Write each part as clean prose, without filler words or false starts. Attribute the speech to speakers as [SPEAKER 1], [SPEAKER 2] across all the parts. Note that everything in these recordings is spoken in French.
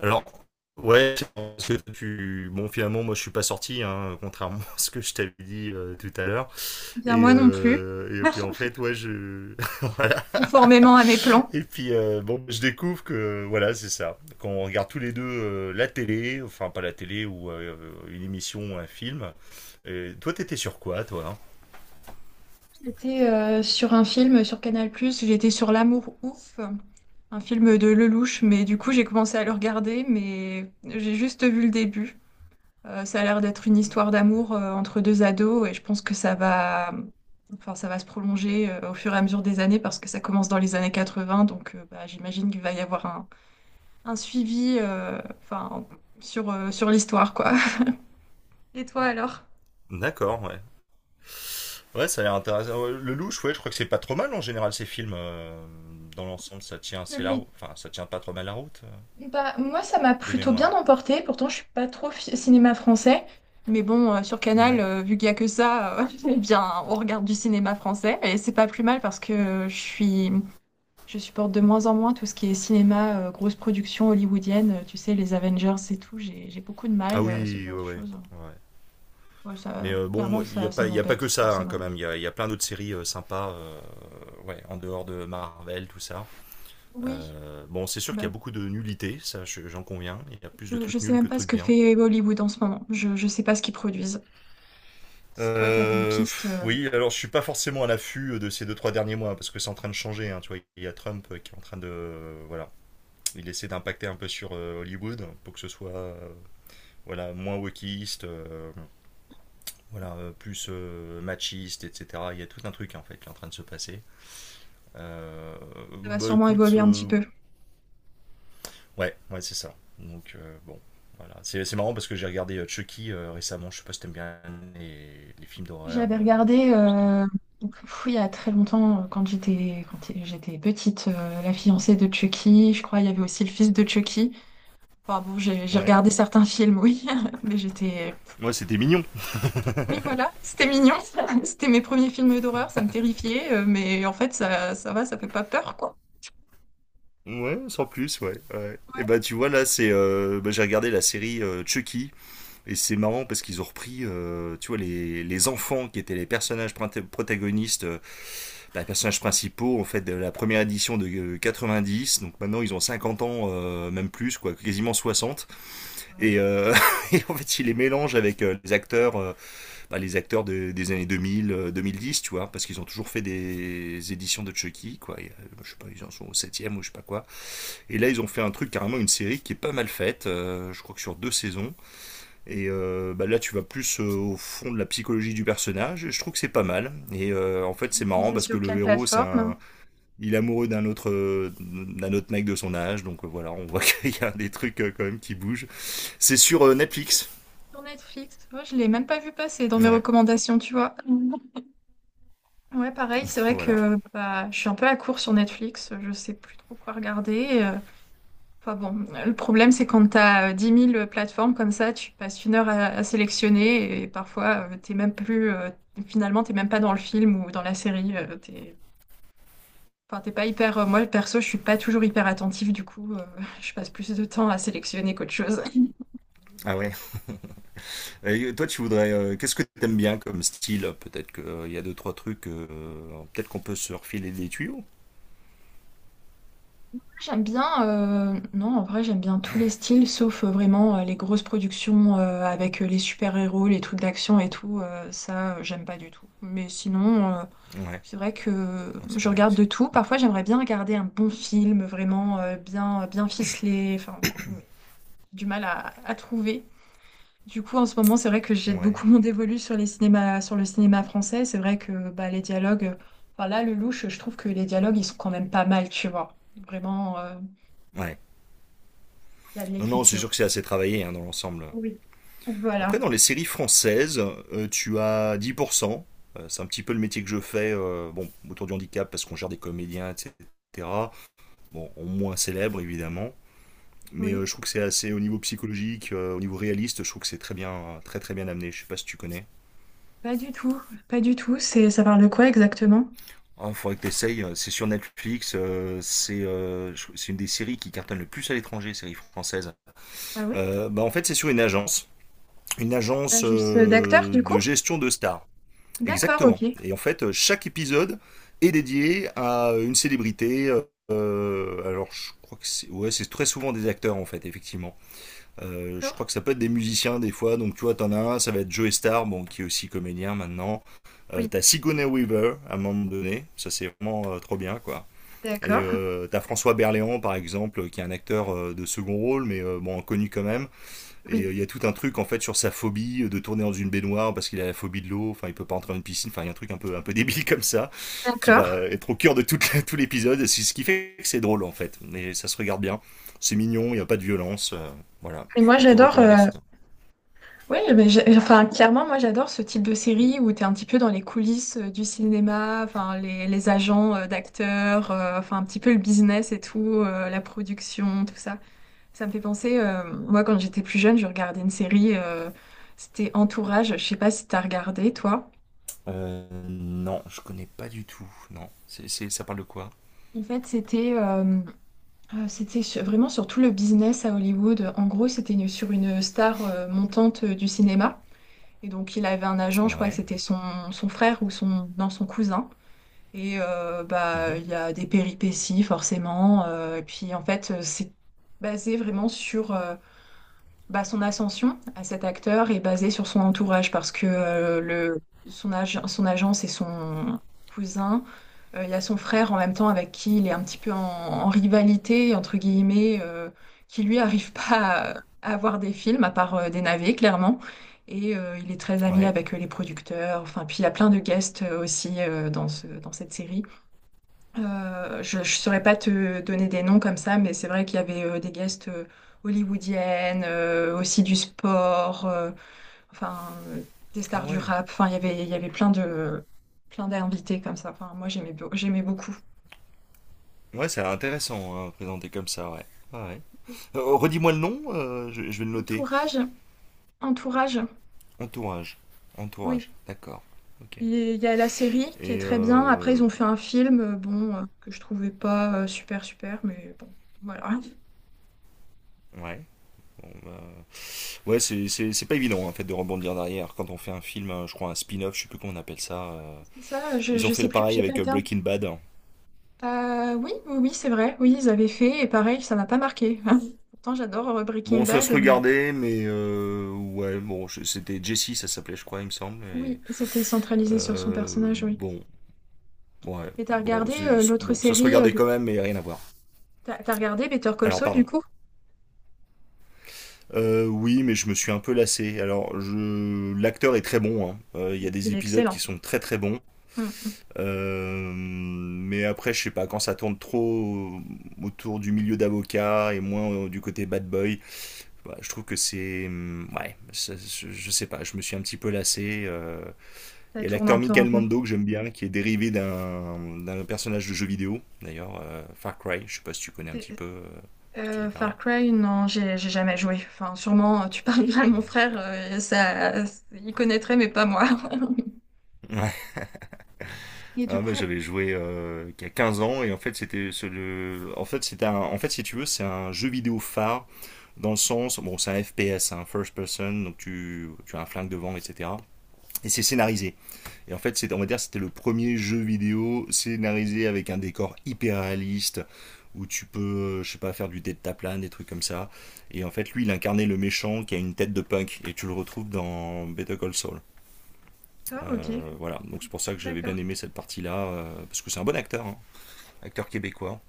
[SPEAKER 1] Alors, ouais, bon, finalement, moi, je suis pas sorti, hein, contrairement à ce que je t'avais dit tout à l'heure.
[SPEAKER 2] Bien, moi non plus,
[SPEAKER 1] Et puis, en fait, ouais, voilà.
[SPEAKER 2] conformément à mes plans.
[SPEAKER 1] Et puis, bon, je découvre que, voilà, c'est ça. Quand on regarde tous les deux la télé, enfin, pas la télé, ou une émission, un film. Et toi, t'étais sur quoi, toi, hein?
[SPEAKER 2] J'étais sur un film sur Canal+, j'étais sur L'amour ouf, un film de Lelouch, mais du coup j'ai commencé à le regarder, mais j'ai juste vu le début. Ça a l'air d'être une histoire d'amour entre deux ados et je pense que ça va, enfin, ça va se prolonger au fur et à mesure des années parce que ça commence dans les années 80, donc bah, j'imagine qu'il va y avoir un suivi enfin, sur l'histoire, quoi. Et toi alors?
[SPEAKER 1] D'accord, ouais. Ouais, ça a l'air intéressant. Ouais, Le louche, ouais, je crois que c'est pas trop mal en général, ces films. Dans l'ensemble, ça tient,
[SPEAKER 2] Je l'ai
[SPEAKER 1] enfin, ça tient pas trop mal la route,
[SPEAKER 2] Bah, moi, ça m'a
[SPEAKER 1] de
[SPEAKER 2] plutôt bien
[SPEAKER 1] mémoire.
[SPEAKER 2] emporté. Pourtant, je suis pas trop cinéma français. Mais bon, sur Canal,
[SPEAKER 1] Ouais.
[SPEAKER 2] vu qu'il y a que ça, eh bien, on regarde du cinéma français. Et c'est pas plus mal parce que je supporte de moins en moins tout ce qui est cinéma, grosse production hollywoodienne. Tu sais, les Avengers et tout. J'ai beaucoup de
[SPEAKER 1] Ah
[SPEAKER 2] mal, ce
[SPEAKER 1] oui,
[SPEAKER 2] genre
[SPEAKER 1] ouais,
[SPEAKER 2] de
[SPEAKER 1] ouais,
[SPEAKER 2] choses.
[SPEAKER 1] ouais.
[SPEAKER 2] Ouais,
[SPEAKER 1] Mais
[SPEAKER 2] ça,
[SPEAKER 1] bon,
[SPEAKER 2] clairement,
[SPEAKER 1] moi,
[SPEAKER 2] ça
[SPEAKER 1] il y a pas que
[SPEAKER 2] m'embête. Enfin,
[SPEAKER 1] ça,
[SPEAKER 2] ça
[SPEAKER 1] hein, quand même.
[SPEAKER 2] m'ennuie.
[SPEAKER 1] Il y a plein d'autres séries sympas, ouais, en dehors de Marvel, tout ça.
[SPEAKER 2] Oui,
[SPEAKER 1] Bon, c'est sûr qu'il y a
[SPEAKER 2] bah,
[SPEAKER 1] beaucoup de nullité, ça, j'en conviens. Il y a plus de
[SPEAKER 2] je
[SPEAKER 1] trucs
[SPEAKER 2] sais
[SPEAKER 1] nuls
[SPEAKER 2] même
[SPEAKER 1] que de
[SPEAKER 2] pas ce
[SPEAKER 1] trucs
[SPEAKER 2] que
[SPEAKER 1] bien.
[SPEAKER 2] fait Hollywood en ce moment. Je sais pas ce qu'ils produisent. Si toi, t'as des pistes,
[SPEAKER 1] Oui, alors je suis pas forcément à l'affût de ces deux, trois derniers mois, parce que c'est en train de changer, hein, tu vois. Il y a Trump qui est en train de... voilà. Il essaie d'impacter un peu sur Hollywood pour que ce soit, voilà, moins wokiste, voilà, plus machiste, etc. Il y a tout un truc en fait qui est en train de se passer. Euh,
[SPEAKER 2] ça va
[SPEAKER 1] Bah
[SPEAKER 2] sûrement
[SPEAKER 1] écoute,
[SPEAKER 2] évoluer un petit peu.
[SPEAKER 1] ouais, ouais, c'est ça. Donc bon, voilà. C'est marrant parce que j'ai regardé Chucky récemment. Je sais pas si t'aimes bien les films d'horreur.
[SPEAKER 2] J'avais regardé,
[SPEAKER 1] C'est un-
[SPEAKER 2] donc, pff, il y a très longtemps, quand j'étais petite, La fiancée de Chucky. Je crois il y avait aussi le fils de Chucky. Enfin bon, j'ai
[SPEAKER 1] Ouais.
[SPEAKER 2] regardé certains films, oui, mais j'étais...
[SPEAKER 1] Ouais, c'était mignon.
[SPEAKER 2] Oui, voilà, c'était mignon. C'était mes premiers films d'horreur, ça me terrifiait, mais en fait, ça va, ça fait pas peur, quoi.
[SPEAKER 1] Ouais, sans plus, ouais, ouais.
[SPEAKER 2] Ouais.
[SPEAKER 1] Et bah tu vois là, c'est bah, j'ai regardé la série Chucky et c'est marrant parce qu'ils ont repris, tu vois, les enfants qui étaient les personnages print- protagonistes les personnages principaux, en fait, de la première édition de 90. Donc maintenant, ils ont 50 ans, même plus, quoi, quasiment 60,
[SPEAKER 2] Ouais.
[SPEAKER 1] et, euh, et en fait, ils les mélangent avec les acteurs, les acteurs des années 2000, 2010, tu vois, parce qu'ils ont toujours fait des éditions de Chucky, quoi. Je sais pas, ils en sont au septième ou je sais pas quoi, et là ils ont fait un truc, carrément une série qui est pas mal faite. Je crois que sur 2 saisons. Là tu vas plus au fond de la psychologie du personnage et je trouve que c'est pas mal. En fait, c'est marrant
[SPEAKER 2] Diffusé
[SPEAKER 1] parce que
[SPEAKER 2] sur quelle
[SPEAKER 1] le héros, c'est
[SPEAKER 2] plateforme?
[SPEAKER 1] un il est amoureux d'un autre, mec de son âge. Donc voilà, on voit qu'il y a des trucs, quand même, qui bougent. C'est sur Netflix.
[SPEAKER 2] Sur Netflix. Ouais, je l'ai même pas vu passer dans mes
[SPEAKER 1] Ouais,
[SPEAKER 2] recommandations, tu vois. Ouais, pareil, c'est vrai
[SPEAKER 1] voilà.
[SPEAKER 2] que bah, je suis un peu à court sur Netflix, je sais plus trop quoi regarder. Enfin bon, le problème c'est quand t'as as 10 000 plateformes comme ça, tu passes une heure à sélectionner et parfois t'es même plus, finalement t'es même pas dans le film ou dans la série. T'es, enfin, t'es pas hyper, moi perso je suis pas toujours hyper attentive du coup, je passe plus de temps à sélectionner qu'autre chose.
[SPEAKER 1] Ah ouais. Et toi, tu voudrais, qu'est-ce que t'aimes bien comme style? Peut-être qu'il y a deux trois trucs. Peut-être qu'on peut se refiler des tuyaux.
[SPEAKER 2] J'aime bien, non, en vrai, j'aime bien tous les styles, sauf vraiment les grosses productions avec les super-héros, les trucs d'action et tout. Ça, j'aime pas du tout. Mais sinon,
[SPEAKER 1] Ouais,
[SPEAKER 2] c'est vrai que
[SPEAKER 1] ouais, c'est
[SPEAKER 2] je
[SPEAKER 1] pareil
[SPEAKER 2] regarde
[SPEAKER 1] aussi.
[SPEAKER 2] de tout. Parfois, j'aimerais bien regarder un bon film, vraiment bien, bien ficelé. Enfin, mais du mal à trouver. Du coup, en ce moment, c'est vrai que jette
[SPEAKER 1] Ouais.
[SPEAKER 2] beaucoup mon dévolu sur les cinémas, sur le cinéma français. C'est vrai que bah, les dialogues, enfin là, le louche, je trouve que les dialogues, ils sont quand même pas mal, tu vois. Vraiment.
[SPEAKER 1] Ouais.
[SPEAKER 2] Il y a de
[SPEAKER 1] Non, non, c'est
[SPEAKER 2] l'écriture.
[SPEAKER 1] sûr que c'est assez travaillé, hein, dans l'ensemble.
[SPEAKER 2] Oui.
[SPEAKER 1] Après,
[SPEAKER 2] Voilà.
[SPEAKER 1] dans les séries françaises, tu as 10%. C'est un petit peu le métier que je fais, bon, autour du handicap, parce qu'on gère des comédiens, etc. Bon, moins célèbre évidemment. Mais
[SPEAKER 2] Oui.
[SPEAKER 1] je trouve que c'est assez au niveau psychologique, au niveau réaliste, je trouve que c'est très bien, très très bien amené. Je sais pas si tu connais.
[SPEAKER 2] Pas du tout. Pas du tout. Ça parle de quoi exactement?
[SPEAKER 1] Il faudrait que tu essayes. C'est sur Netflix. C'est une des séries qui cartonne le plus à l'étranger, série française.
[SPEAKER 2] Ah oui?
[SPEAKER 1] Bah, en fait, c'est sur une agence. Une agence
[SPEAKER 2] L'agence d'acteurs, du coup?
[SPEAKER 1] de gestion de stars.
[SPEAKER 2] D'accord,
[SPEAKER 1] Exactement.
[SPEAKER 2] ok.
[SPEAKER 1] Et en fait, chaque épisode est dédié à une célébrité. Alors, je crois que c'est ouais, c'est très souvent des acteurs, en fait, effectivement. Je
[SPEAKER 2] D'accord.
[SPEAKER 1] crois que ça peut être des musiciens des fois. Donc tu vois, t'en as un, ça va être Joe Star, bon, qui est aussi comédien maintenant.
[SPEAKER 2] Oui.
[SPEAKER 1] T'as Sigourney Weaver à un moment donné, ça c'est vraiment trop bien, quoi.
[SPEAKER 2] D'accord.
[SPEAKER 1] T'as François Berléand, par exemple, qui est un acteur, de second rôle, mais bon, connu quand même.
[SPEAKER 2] Oui.
[SPEAKER 1] Il y a tout un truc en fait sur sa phobie de tourner dans une baignoire parce qu'il a la phobie de l'eau. Enfin, il peut pas entrer dans une piscine. Enfin, il y a un truc un peu débile comme ça, qui va
[SPEAKER 2] D'accord.
[SPEAKER 1] être au cœur de tout l'épisode. C'est ce qui fait que c'est drôle en fait. Mais ça se regarde bien. C'est mignon, il n'y a pas de violence. Voilà,
[SPEAKER 2] Et
[SPEAKER 1] je
[SPEAKER 2] moi,
[SPEAKER 1] peux te
[SPEAKER 2] j'adore.
[SPEAKER 1] recommander ça.
[SPEAKER 2] Oui, mais enfin, clairement, moi, j'adore ce type de série où tu es un petit peu dans les coulisses du cinéma, enfin, les agents d'acteurs, enfin, un petit peu le business et tout, la production, tout ça. Ça me fait penser, moi quand j'étais plus jeune, je regardais une série, c'était Entourage, je sais pas si t'as regardé toi.
[SPEAKER 1] Non, je connais pas du tout. Non. Ça parle de quoi?
[SPEAKER 2] En fait, c'était c'était vraiment sur tout le business à Hollywood. En gros, c'était sur une star montante du cinéma. Et donc, il avait un agent, je crois que
[SPEAKER 1] Ouais.
[SPEAKER 2] c'était son frère ou son, non, son cousin. Et bah,
[SPEAKER 1] Mhm,
[SPEAKER 2] il y a des péripéties, forcément. Et puis, en fait, c'est basé vraiment sur. Bah, son ascension à cet acteur est basée sur son entourage parce que son agent, c'est son cousin. Il y a son frère en même temps avec qui il est un petit peu en rivalité, entre guillemets, qui lui arrive pas à voir des films, à part des navets, clairement. Et il est très ami
[SPEAKER 1] ouais.
[SPEAKER 2] avec les producteurs. Enfin, puis il y a plein de guests aussi dans dans cette série. Je ne saurais pas te donner des noms comme ça, mais c'est vrai qu'il y avait des guests hollywoodiennes, aussi du sport, enfin des
[SPEAKER 1] Ah
[SPEAKER 2] stars du
[SPEAKER 1] ouais.
[SPEAKER 2] rap. Enfin, il y avait plein plein d'invités comme ça. Enfin, moi, j'aimais beaucoup.
[SPEAKER 1] Ouais, c'est intéressant, hein, présenté comme ça, ouais. Ouais, ouais.
[SPEAKER 2] Oui.
[SPEAKER 1] Redis-moi le nom, je vais le noter.
[SPEAKER 2] Entourage, entourage.
[SPEAKER 1] Entourage. Entourage,
[SPEAKER 2] Oui.
[SPEAKER 1] d'accord. Ok.
[SPEAKER 2] Et Il y a la série qui est
[SPEAKER 1] Et
[SPEAKER 2] très bien. Après,
[SPEAKER 1] euh...
[SPEAKER 2] ils ont fait un film, bon, que je trouvais pas super super, mais bon, voilà.
[SPEAKER 1] Ouais, bon bah... Ouais, c'est pas évident, en fait, de rebondir derrière quand on fait un film, je crois, un spin-off, je sais plus comment on appelle ça.
[SPEAKER 2] C'est ça.
[SPEAKER 1] Ils ont
[SPEAKER 2] Je
[SPEAKER 1] fait
[SPEAKER 2] sais
[SPEAKER 1] le
[SPEAKER 2] plus.
[SPEAKER 1] pareil
[SPEAKER 2] J'ai pas
[SPEAKER 1] avec
[SPEAKER 2] le terme.
[SPEAKER 1] Breaking Bad.
[SPEAKER 2] Oui, oui, oui, c'est vrai. Oui, ils avaient fait, et pareil, ça m'a pas marqué. Pourtant, j'adore Breaking
[SPEAKER 1] Bon, ça se
[SPEAKER 2] Bad, mais
[SPEAKER 1] regardait, mais ouais, bon, c'était Jesse, ça s'appelait, je crois, il me semble.
[SPEAKER 2] oui, c'était centralisé sur son personnage, oui.
[SPEAKER 1] Bon, ouais,
[SPEAKER 2] Mais t'as
[SPEAKER 1] bon,
[SPEAKER 2] regardé l'autre
[SPEAKER 1] bon, ça se
[SPEAKER 2] série
[SPEAKER 1] regardait
[SPEAKER 2] de...
[SPEAKER 1] quand même, mais rien à voir.
[SPEAKER 2] T'as regardé Better Call
[SPEAKER 1] Alors,
[SPEAKER 2] Saul, du
[SPEAKER 1] pardon.
[SPEAKER 2] coup?
[SPEAKER 1] Oui, mais je me suis un peu lassé. Alors, l'acteur est très bon, hein. Il y a des
[SPEAKER 2] Il est
[SPEAKER 1] épisodes qui
[SPEAKER 2] excellent.
[SPEAKER 1] sont très très bons.
[SPEAKER 2] Mm, mm.
[SPEAKER 1] Mais après, je sais pas, quand ça tourne trop autour du milieu d'avocat et moins, du côté bad boy, bah, je trouve que ouais, sais pas, je me suis un petit peu lassé. Il
[SPEAKER 2] Ça
[SPEAKER 1] y a
[SPEAKER 2] tourne un
[SPEAKER 1] l'acteur
[SPEAKER 2] peu en
[SPEAKER 1] Michael
[SPEAKER 2] rond.
[SPEAKER 1] Mando que j'aime bien, qui est dérivé d'un personnage de jeu vidéo, d'ailleurs, Far Cry, je sais pas si tu connais un
[SPEAKER 2] C'est-
[SPEAKER 1] petit peu cet
[SPEAKER 2] Far
[SPEAKER 1] univers-là.
[SPEAKER 2] Cry, non, j'ai jamais joué. Enfin, sûrement, tu parles à mon
[SPEAKER 1] Ouais.
[SPEAKER 2] frère, ça, il connaîtrait, mais pas moi.
[SPEAKER 1] Ouais.
[SPEAKER 2] Et
[SPEAKER 1] Ah,
[SPEAKER 2] du
[SPEAKER 1] bah,
[SPEAKER 2] coup...
[SPEAKER 1] j'avais joué il y a 15 ans, et en fait c'était ce- le... en fait c'était un... en fait, si tu veux, c'est un jeu vidéo phare, dans le sens, bon, c'est un FPS, un first person, donc tu as un flingue devant, etc, et c'est scénarisé, et en fait c'est, on va dire, c'était le premier jeu vidéo scénarisé avec un décor hyper réaliste, où tu peux, je sais pas, faire du deltaplane, des trucs comme ça. Et en fait, lui, il incarnait le méchant, qui a une tête de punk, et tu le retrouves dans Better Call Saul.
[SPEAKER 2] Ah, ok.
[SPEAKER 1] Voilà, donc c'est pour ça que j'avais
[SPEAKER 2] D'accord.
[SPEAKER 1] bien aimé cette partie-là, parce que c'est un bon acteur, hein. Acteur québécois.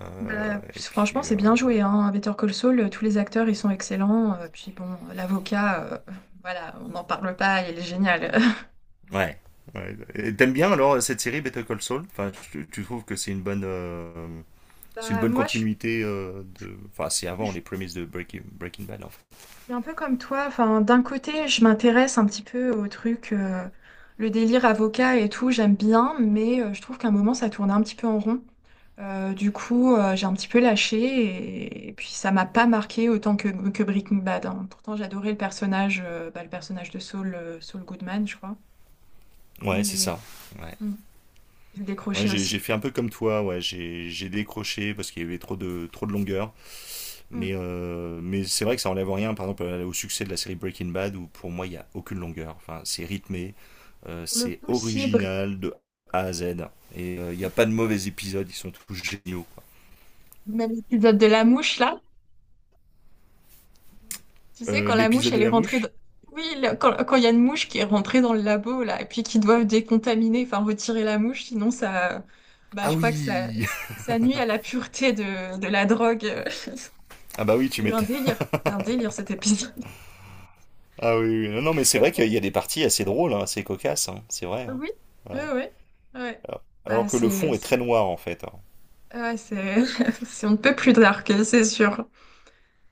[SPEAKER 1] Euh,
[SPEAKER 2] Bah, puis
[SPEAKER 1] et
[SPEAKER 2] franchement,
[SPEAKER 1] puis, euh,
[SPEAKER 2] c'est bien joué, hein. Better Call Saul, tous les acteurs, ils sont excellents. Puis bon, l'avocat, voilà, on n'en parle pas, il est génial.
[SPEAKER 1] ouais, ouais. T'aimes bien alors cette série Better Call Saul? Enfin, tu trouves que c'est une
[SPEAKER 2] Bah,
[SPEAKER 1] bonne
[SPEAKER 2] moi, je suis,
[SPEAKER 1] continuité, enfin, c'est
[SPEAKER 2] je
[SPEAKER 1] avant les
[SPEAKER 2] suis
[SPEAKER 1] prémices de Breaking Bad, en fait.
[SPEAKER 2] un peu comme toi. Enfin, d'un côté, je m'intéresse un petit peu au truc, le délire avocat et tout, j'aime bien, mais je trouve qu'à un moment, ça tournait un petit peu en rond. Du coup, j'ai un petit peu lâché et puis ça m'a pas marqué autant que Breaking Bad. Hein. Pourtant, j'adorais le personnage, bah, le personnage de Saul, Saul Goodman, je crois.
[SPEAKER 1] Ouais, c'est
[SPEAKER 2] Mais
[SPEAKER 1] ça. Ouais.
[SPEAKER 2] Mm. Je
[SPEAKER 1] Moi,
[SPEAKER 2] décrochais
[SPEAKER 1] j'ai
[SPEAKER 2] aussi.
[SPEAKER 1] fait un peu comme toi, ouais, j'ai décroché parce qu'il y avait trop de longueur, mais,
[SPEAKER 2] Mm.
[SPEAKER 1] euh, mais c'est vrai que ça enlève rien, par exemple, au succès de la série Breaking Bad, où pour moi, il y a aucune longueur. Enfin, c'est rythmé.
[SPEAKER 2] Pour le
[SPEAKER 1] C'est
[SPEAKER 2] coup, si,
[SPEAKER 1] original de A à Z. Et il n'y a pas de mauvais épisodes, ils sont tous géniaux, quoi.
[SPEAKER 2] même l'épisode de la mouche, là, tu sais, quand la mouche,
[SPEAKER 1] L'épisode
[SPEAKER 2] elle
[SPEAKER 1] de
[SPEAKER 2] est
[SPEAKER 1] la
[SPEAKER 2] rentrée dans...
[SPEAKER 1] mouche.
[SPEAKER 2] Oui, quand, quand il y a une mouche qui est rentrée dans le labo, là, et puis qui doivent décontaminer, enfin, retirer la mouche, sinon ça... Bah,
[SPEAKER 1] Ah
[SPEAKER 2] je crois que ça,
[SPEAKER 1] oui.
[SPEAKER 2] ça nuit à la pureté de la drogue.
[SPEAKER 1] Ah bah oui,
[SPEAKER 2] Il
[SPEAKER 1] tu
[SPEAKER 2] y a eu
[SPEAKER 1] m'étonnes.
[SPEAKER 2] un délire cet épisode.
[SPEAKER 1] Ah oui, oui. Non, non, mais c'est
[SPEAKER 2] Pas
[SPEAKER 1] vrai qu'il y
[SPEAKER 2] trop-
[SPEAKER 1] a des parties assez drôles, hein, assez cocasses, hein, c'est vrai, hein.
[SPEAKER 2] Oui, oui,
[SPEAKER 1] Ouais.
[SPEAKER 2] oui. Ouais.
[SPEAKER 1] Alors,
[SPEAKER 2] Bah,
[SPEAKER 1] que le fond est très noir, en fait, hein.
[SPEAKER 2] ouais, on ne peut plus dark, c'est sûr.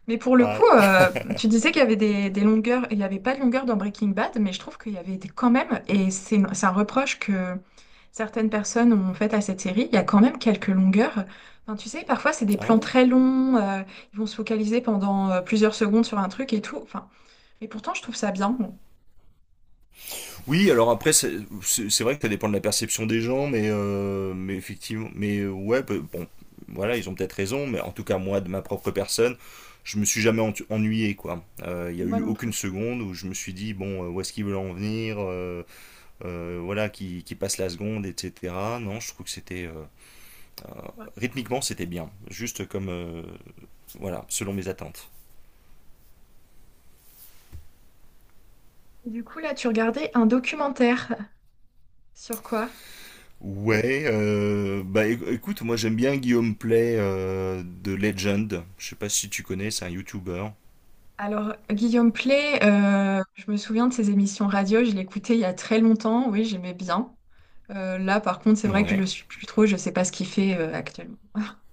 [SPEAKER 2] Mais pour le coup,
[SPEAKER 1] Ouais.
[SPEAKER 2] tu disais qu'il y avait des longueurs, il n'y avait pas de longueur dans Breaking Bad, mais je trouve qu'il y avait des- quand même, et c'est un reproche que certaines personnes ont fait à cette série, il y a quand même quelques longueurs. Enfin, tu sais, parfois c'est des
[SPEAKER 1] Ah
[SPEAKER 2] plans
[SPEAKER 1] ouais.
[SPEAKER 2] très longs, ils vont se focaliser pendant plusieurs secondes sur un truc et tout. Enfin, mais pourtant, je trouve ça bien. Bon,
[SPEAKER 1] Oui, alors après, c'est vrai que ça dépend de la perception des gens, mais effectivement, ouais, bon, voilà, ils ont peut-être raison, mais en tout cas, moi, de ma propre personne, je me suis jamais ennuyé, quoi. Il y a
[SPEAKER 2] Moi
[SPEAKER 1] eu
[SPEAKER 2] non
[SPEAKER 1] aucune
[SPEAKER 2] plus.
[SPEAKER 1] seconde où je me suis dit, bon, où est-ce qu'ils veulent en venir, voilà, qui passe la seconde, etc. Non, je trouve que c'était,
[SPEAKER 2] Ouais.
[SPEAKER 1] rythmiquement, c'était bien, juste comme, voilà, selon mes attentes.
[SPEAKER 2] Et Du coup, là, tu regardais un documentaire sur quoi?
[SPEAKER 1] Ouais, écoute, moi j'aime bien Guillaume Play de Legend. Je sais pas si tu connais, c'est un YouTuber.
[SPEAKER 2] Alors, Guillaume Play, je me souviens de ses émissions radio, je l'écoutais il y a très longtemps, oui, j'aimais bien. Là, par contre, c'est vrai que je
[SPEAKER 1] Ouais.
[SPEAKER 2] le suis plus trop, je sais pas ce qu'il fait actuellement.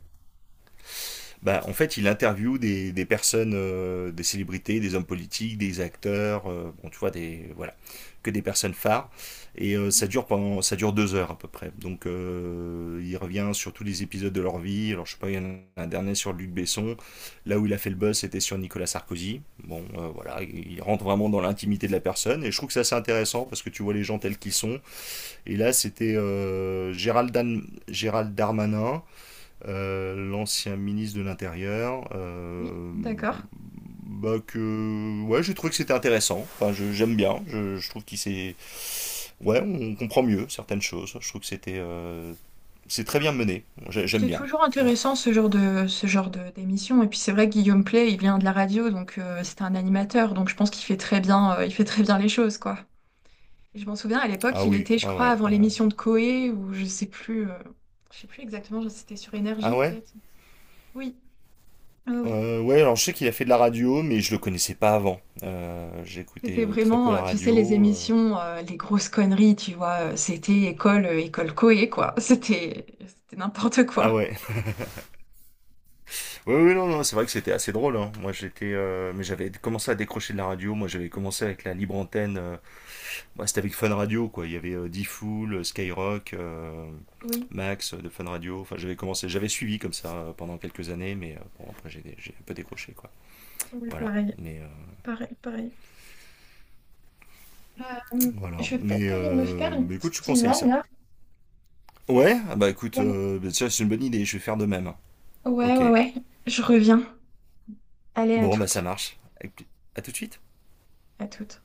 [SPEAKER 1] Bah, en fait, il interviewe des personnes, des célébrités, des hommes politiques, des acteurs, bon, tu vois, voilà, que des personnes phares. Ça dure pendant, ça dure 2 heures à peu près. Donc, il revient sur tous les épisodes de leur vie. Alors, je sais pas, il y en a un dernier sur Luc Besson. Là où il a fait le buzz, c'était sur Nicolas Sarkozy. Bon, voilà, il rentre vraiment dans l'intimité de la personne. Et je trouve que ça, c'est intéressant parce que tu vois les gens tels qu'ils sont. Et là, c'était Gérald Darmanin, l'ancien ministre de l'Intérieur,
[SPEAKER 2] Oui, d'accord.
[SPEAKER 1] que ouais, j'ai trouvé que c'était intéressant. Enfin, j'aime bien. Je trouve qu'ouais, on comprend mieux certaines choses. Je trouve que c'est très bien mené. J'aime
[SPEAKER 2] C'est
[SPEAKER 1] bien.
[SPEAKER 2] toujours
[SPEAKER 1] Ouais.
[SPEAKER 2] intéressant ce genre de d'émission. Et puis c'est vrai que Guillaume Play, il vient de la radio, donc c'est un animateur, donc je pense qu'il fait très bien, il fait très bien les choses, quoi. Et je m'en souviens à l'époque,
[SPEAKER 1] Ah
[SPEAKER 2] il
[SPEAKER 1] oui,
[SPEAKER 2] était, je
[SPEAKER 1] ouais,
[SPEAKER 2] crois,
[SPEAKER 1] ouais,
[SPEAKER 2] avant
[SPEAKER 1] ouais, ouais.
[SPEAKER 2] l'émission de Coé, ou je sais plus exactement, c'était sur Énergie
[SPEAKER 1] Ah ouais?
[SPEAKER 2] peut-être. Oui, oui, oui.
[SPEAKER 1] Ouais, alors je sais qu'il a fait de la radio, mais je le connaissais pas avant. J'écoutais
[SPEAKER 2] C'était
[SPEAKER 1] très peu
[SPEAKER 2] vraiment,
[SPEAKER 1] la
[SPEAKER 2] tu sais, les
[SPEAKER 1] radio.
[SPEAKER 2] émissions, les grosses conneries, tu vois. C'était école, école Coé, quoi. C'était n'importe
[SPEAKER 1] Ah
[SPEAKER 2] quoi.
[SPEAKER 1] ouais. Oui, oui, non, non, c'est vrai que c'était assez drôle, hein. Moi, mais j'avais commencé à décrocher de la radio. Moi, j'avais commencé avec la libre antenne. Bah, c'était avec Fun Radio, quoi. Il y avait D-Fool, Skyrock,
[SPEAKER 2] Oui,
[SPEAKER 1] Max de Fun Radio. Enfin, j'avais suivi comme ça pendant quelques années, mais bon, après, j'ai un peu décroché, quoi.
[SPEAKER 2] oui,
[SPEAKER 1] Voilà.
[SPEAKER 2] pareil, pareil, pareil. Euh,
[SPEAKER 1] Voilà.
[SPEAKER 2] je vais
[SPEAKER 1] Mais,
[SPEAKER 2] peut-être aller me faire
[SPEAKER 1] euh,
[SPEAKER 2] une
[SPEAKER 1] mais écoute,
[SPEAKER 2] petite
[SPEAKER 1] je conseille
[SPEAKER 2] tisane
[SPEAKER 1] ça.
[SPEAKER 2] là.
[SPEAKER 1] Ouais, ah bah écoute,
[SPEAKER 2] Ouais,
[SPEAKER 1] bah, c'est une bonne idée, je vais faire de même.
[SPEAKER 2] ouais,
[SPEAKER 1] Ok.
[SPEAKER 2] ouais, ouais. Je reviens. Allez, à
[SPEAKER 1] Bon, bah ça
[SPEAKER 2] toutes.
[SPEAKER 1] marche. À tout de suite.
[SPEAKER 2] À toutes.